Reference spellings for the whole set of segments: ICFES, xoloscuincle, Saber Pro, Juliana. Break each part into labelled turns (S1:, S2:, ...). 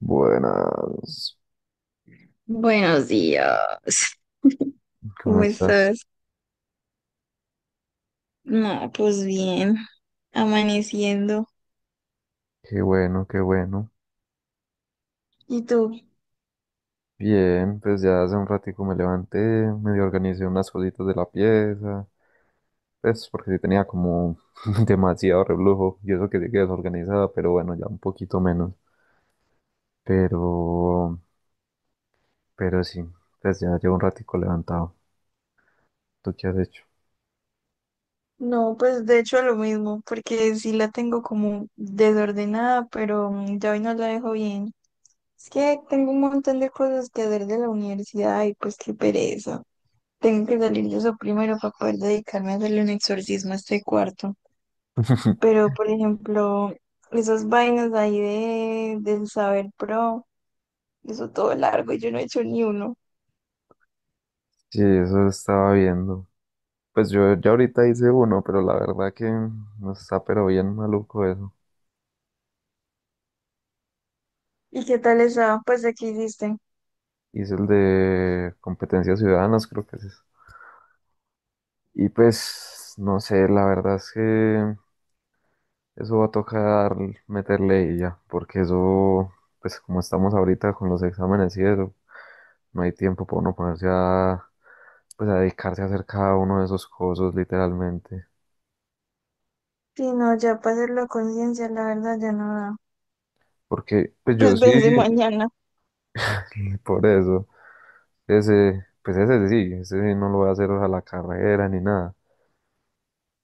S1: Buenas,
S2: Buenos días.
S1: ¿cómo
S2: ¿Cómo
S1: estás?
S2: estás? No, pues bien, amaneciendo.
S1: Qué bueno, qué bueno.
S2: ¿Y tú?
S1: Bien, pues ya hace un ratico me levanté, medio organicé unas cositas de la pieza, pues porque sí tenía como demasiado reblujo y eso que sí que desorganizada, pero bueno, ya un poquito menos. Pero, pero sí, pues ya llevo un ratico levantado. ¿Tú qué has hecho?
S2: No, pues de hecho lo mismo, porque sí la tengo como desordenada, pero ya hoy no la dejo bien. Es que tengo un montón de cosas que hacer de la universidad y pues qué pereza. Tengo que salir de eso primero para poder dedicarme a hacerle un exorcismo a este cuarto. Pero, por ejemplo, esas vainas ahí del Saber Pro, eso todo largo y yo no he hecho ni uno.
S1: Sí, eso estaba viendo. Pues yo ya ahorita hice uno, pero la verdad que no está pero bien maluco eso.
S2: ¿Y qué tal estaba? Pues aquí diste.
S1: Y es el de competencias ciudadanas, creo que es eso. Y pues, no sé, la verdad es que eso va a tocar meterle y ya, porque eso, pues como estamos ahorita con los exámenes y eso, no hay tiempo para uno ponerse a, pues a dedicarse a hacer cada uno de esos cosas, literalmente.
S2: Sí, no, ya para hacerlo a conciencia, la verdad ya no da.
S1: Porque, pues yo
S2: Pues
S1: sí,
S2: vence mañana.
S1: por eso, ese, pues ese sí no lo voy a hacer a la carrera ni nada,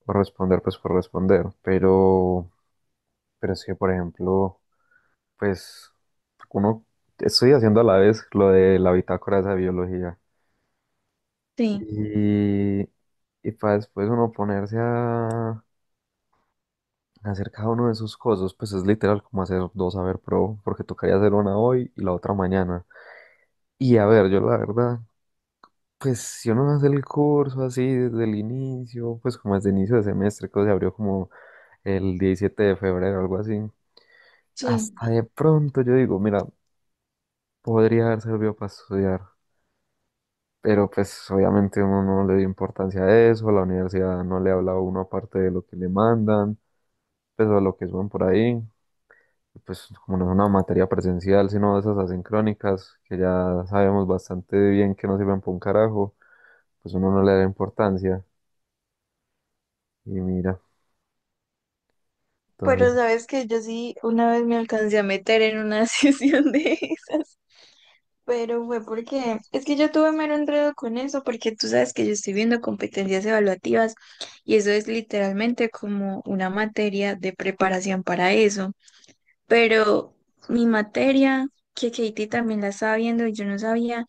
S1: por responder, pues por responder, pero es que, por ejemplo, pues uno estoy haciendo a la vez lo de la bitácora esa de biología.
S2: Sí.
S1: Y, y para después uno ponerse a hacer cada uno de sus cosas, pues es literal como hacer dos haber pro, porque tocaría hacer una hoy y la otra mañana. Y a ver, yo la verdad, pues si uno hace el curso así desde el inicio, pues como desde el inicio de semestre, que se abrió como el 17 de febrero, algo así,
S2: Sí.
S1: hasta de pronto yo digo, mira, podría haber servido para estudiar. Pero pues obviamente uno no le dio importancia a eso, la universidad no le habla a uno aparte de lo que le mandan, pues o lo que suben por ahí, y, pues como no es una materia presencial, sino de esas asincrónicas, que ya sabemos bastante bien que no sirven para un carajo, pues uno no le da importancia, y mira,
S2: Pero
S1: entonces,
S2: sabes que yo sí una vez me alcancé a meter en una sesión de esas. Pero fue porque es que yo tuve mero enredo con eso, porque tú sabes que yo estoy viendo competencias evaluativas y eso es literalmente como una materia de preparación para eso. Pero mi materia, que Katie también la estaba viendo y yo no sabía,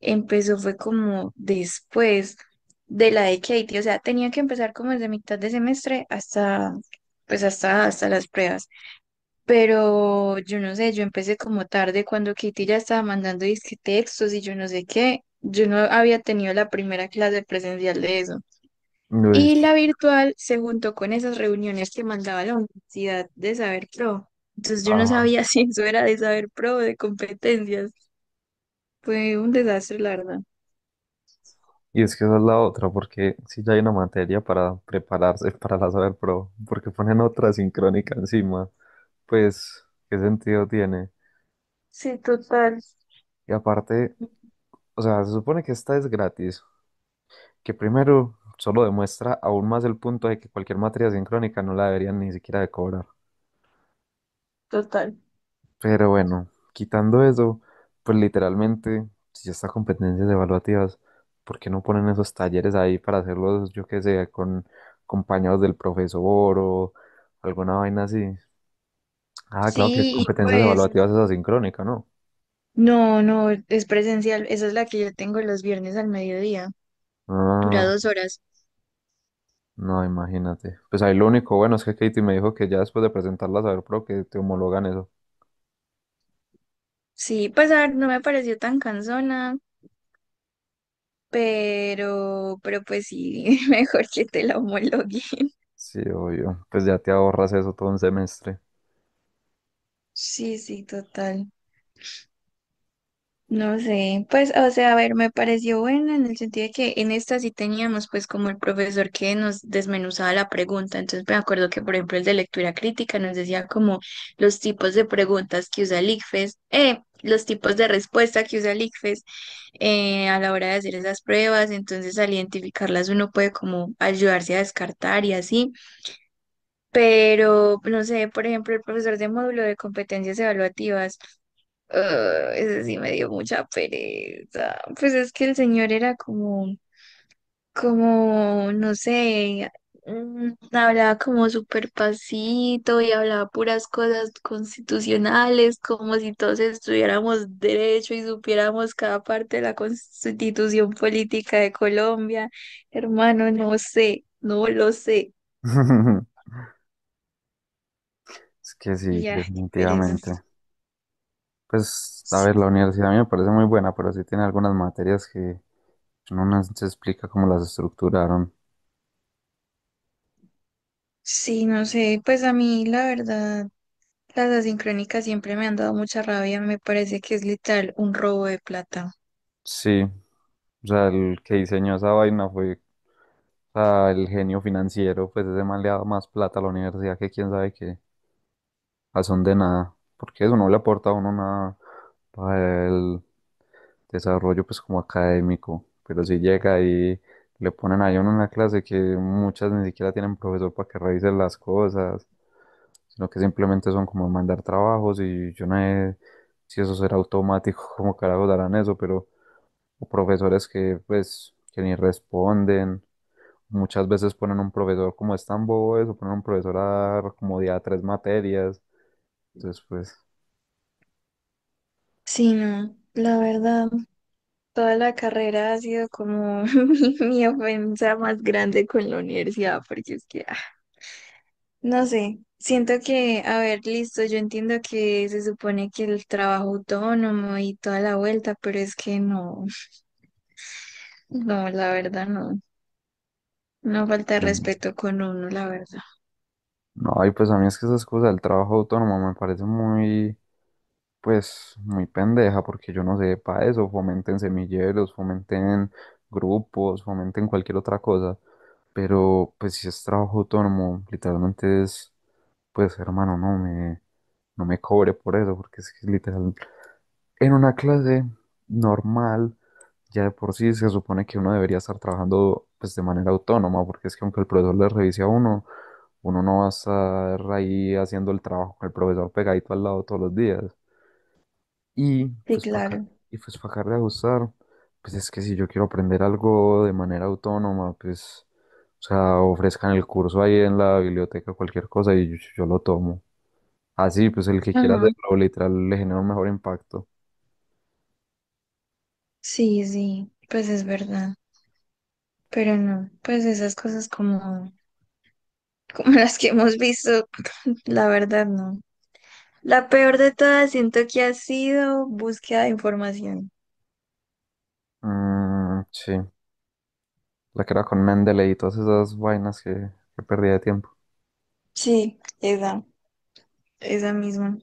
S2: empezó fue como después de la de Katie. O sea, tenía que empezar como desde mitad de semestre hasta, pues hasta, hasta las pruebas. Pero yo no sé, yo empecé como tarde cuando Katie ya estaba mandando disque textos y yo no sé qué. Yo no había tenido la primera clase presencial de eso.
S1: uy,
S2: Y la virtual se juntó con esas reuniones que mandaba la Universidad de Saber Pro. Entonces yo no
S1: ah,
S2: sabía si eso era de Saber Pro o de competencias. Fue un desastre, la verdad.
S1: y es que esa es la otra, porque si ya hay una materia para prepararse para la saber pro, porque ponen otra asincrónica encima, pues, ¿qué sentido tiene?
S2: Sí, total,
S1: Y aparte... O sea, se supone que esta es gratis, que primero solo demuestra aún más el punto de que cualquier materia sincrónica no la deberían ni siquiera de cobrar.
S2: total.
S1: Pero bueno, quitando eso, pues literalmente, si ya está competencias evaluativas, ¿por qué no ponen esos talleres ahí para hacerlos, yo qué sé, con compañeros del profesor o alguna vaina así? Ah, claro que
S2: Sí, y
S1: competencias
S2: pues
S1: evaluativas es asincrónica, ¿no?
S2: no, no, es presencial. Esa es la que yo tengo los viernes al mediodía. Dura
S1: Ah,
S2: dos horas.
S1: no, imagínate. Pues ahí lo único bueno es que Katie me dijo que ya después de presentarlas a saber Pro que te homologan eso.
S2: Sí, pues a ver, no me pareció tan cansona, pero pues sí, mejor que te la homologuen.
S1: Sí, obvio. Pues ya te ahorras eso todo un semestre.
S2: Sí, sí, total. No sé, pues, o sea, a ver, me pareció buena en el sentido de que en esta sí teníamos pues como el profesor que nos desmenuzaba la pregunta, entonces me acuerdo que por ejemplo el de lectura crítica nos decía como los tipos de preguntas que usa el ICFES, los tipos de respuesta que usa el ICFES a la hora de hacer esas pruebas, entonces al identificarlas uno puede como ayudarse a descartar y así. Pero, no sé, por ejemplo, el profesor de módulo de competencias evaluativas, ah, ese sí me dio mucha pereza. Pues es que el señor era como, no sé, hablaba como súper pasito y hablaba puras cosas constitucionales, como si todos estudiáramos derecho y supiéramos cada parte de la constitución política de Colombia. Hermano, no sé, no lo sé.
S1: Es que sí,
S2: Ya, qué pereza.
S1: definitivamente. Pues, a ver, la universidad a mí me parece muy buena, pero sí tiene algunas materias que no nos se explica cómo las estructuraron.
S2: Sí, no sé, pues a mí la verdad, las asincrónicas siempre me han dado mucha rabia, me parece que es literal un robo de plata.
S1: Sí, o sea, el que diseñó esa vaina fue, o sea, el genio financiero, pues ese man le ha dado más plata a la universidad que quién sabe qué, a son de nada, porque eso no le aporta a uno nada para desarrollo pues como académico, pero si llega y le ponen ahí a uno en la clase que muchas ni siquiera tienen profesor para que revisen las cosas, sino que simplemente son como mandar trabajos y yo no sé si eso será automático, cómo carajos darán eso, pero o profesores que pues que ni responden. Muchas veces ponen un profesor como es tan bobo eso, ponen un profesor a dar como día tres materias. Entonces, pues,
S2: Sí, no, la verdad, toda la carrera ha sido como mi ofensa más grande con la universidad, porque es que, ah, no sé, siento que, a ver, listo, yo entiendo que se supone que el trabajo autónomo y toda la vuelta, pero es que no, no, la verdad no, no falta de
S1: em,
S2: respeto con uno, la verdad.
S1: no, y pues a mí es que esas cosas del trabajo autónomo me parecen muy, pues muy pendeja, porque yo no sé para eso, fomenten semilleros, fomenten grupos, fomenten cualquier otra cosa, pero pues si es trabajo autónomo, literalmente es, pues hermano, no me cobre por eso, porque es que literal, en una clase normal, ya de por sí se supone que uno debería estar trabajando pues de manera autónoma, porque es que aunque el profesor le revise a uno, uno no va a estar ahí haciendo el trabajo con el profesor pegadito al lado todos los días. Y
S2: Sí,
S1: pues para,
S2: claro.
S1: y pues para acabar de ajustar, pues es que si yo quiero aprender algo de manera autónoma, pues, o sea, ofrezcan el curso ahí en la biblioteca, cualquier cosa, y yo lo tomo. Así, pues el que quiera
S2: Ajá.
S1: hacerlo, literal, le genera un mejor impacto.
S2: Sí, sí, pues es verdad, pero no, pues esas cosas como, como las que hemos visto, la verdad no. La peor de todas siento que ha sido búsqueda de información.
S1: Mm, sí, la que era con Mendeley y todas esas vainas que perdía de tiempo.
S2: Sí, esa misma.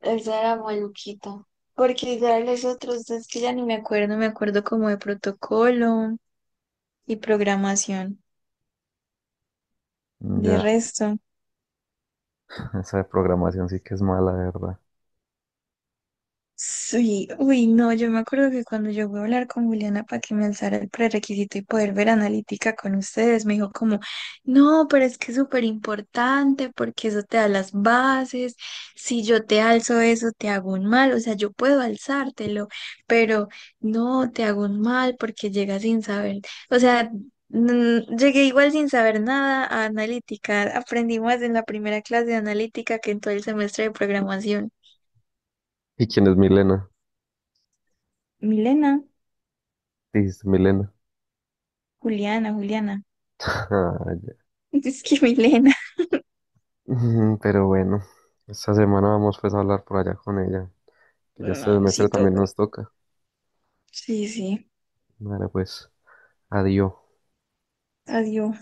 S2: Esa era maluquita. Porque ya los otros, es que ya ni me acuerdo, me acuerdo como de protocolo y programación.
S1: Mm,
S2: De
S1: ya,
S2: resto.
S1: esa de programación sí que es mala, de verdad.
S2: Sí, uy, no, yo me acuerdo que cuando yo voy a hablar con Juliana para que me alzara el prerequisito y poder ver analítica con ustedes, me dijo como, no, pero es que es súper importante porque eso te da las bases, si yo te alzo eso te hago un mal, o sea, yo puedo alzártelo, pero no, te hago un mal porque llegas sin saber, o sea, llegué igual sin saber nada a analítica, aprendí más en la primera clase de analítica que en todo el semestre de programación.
S1: ¿Y quién es Milena?
S2: Milena.
S1: Dijiste Milena.
S2: Juliana, Juliana.
S1: Ah, ya.
S2: Es que Milena.
S1: Ujú, pero bueno, esta semana vamos pues a hablar por allá con ella, que ya este
S2: Ay,
S1: semestre
S2: sí
S1: también
S2: toca.
S1: nos toca.
S2: Sí, sí.
S1: Vale, pues, adiós.
S2: Adiós.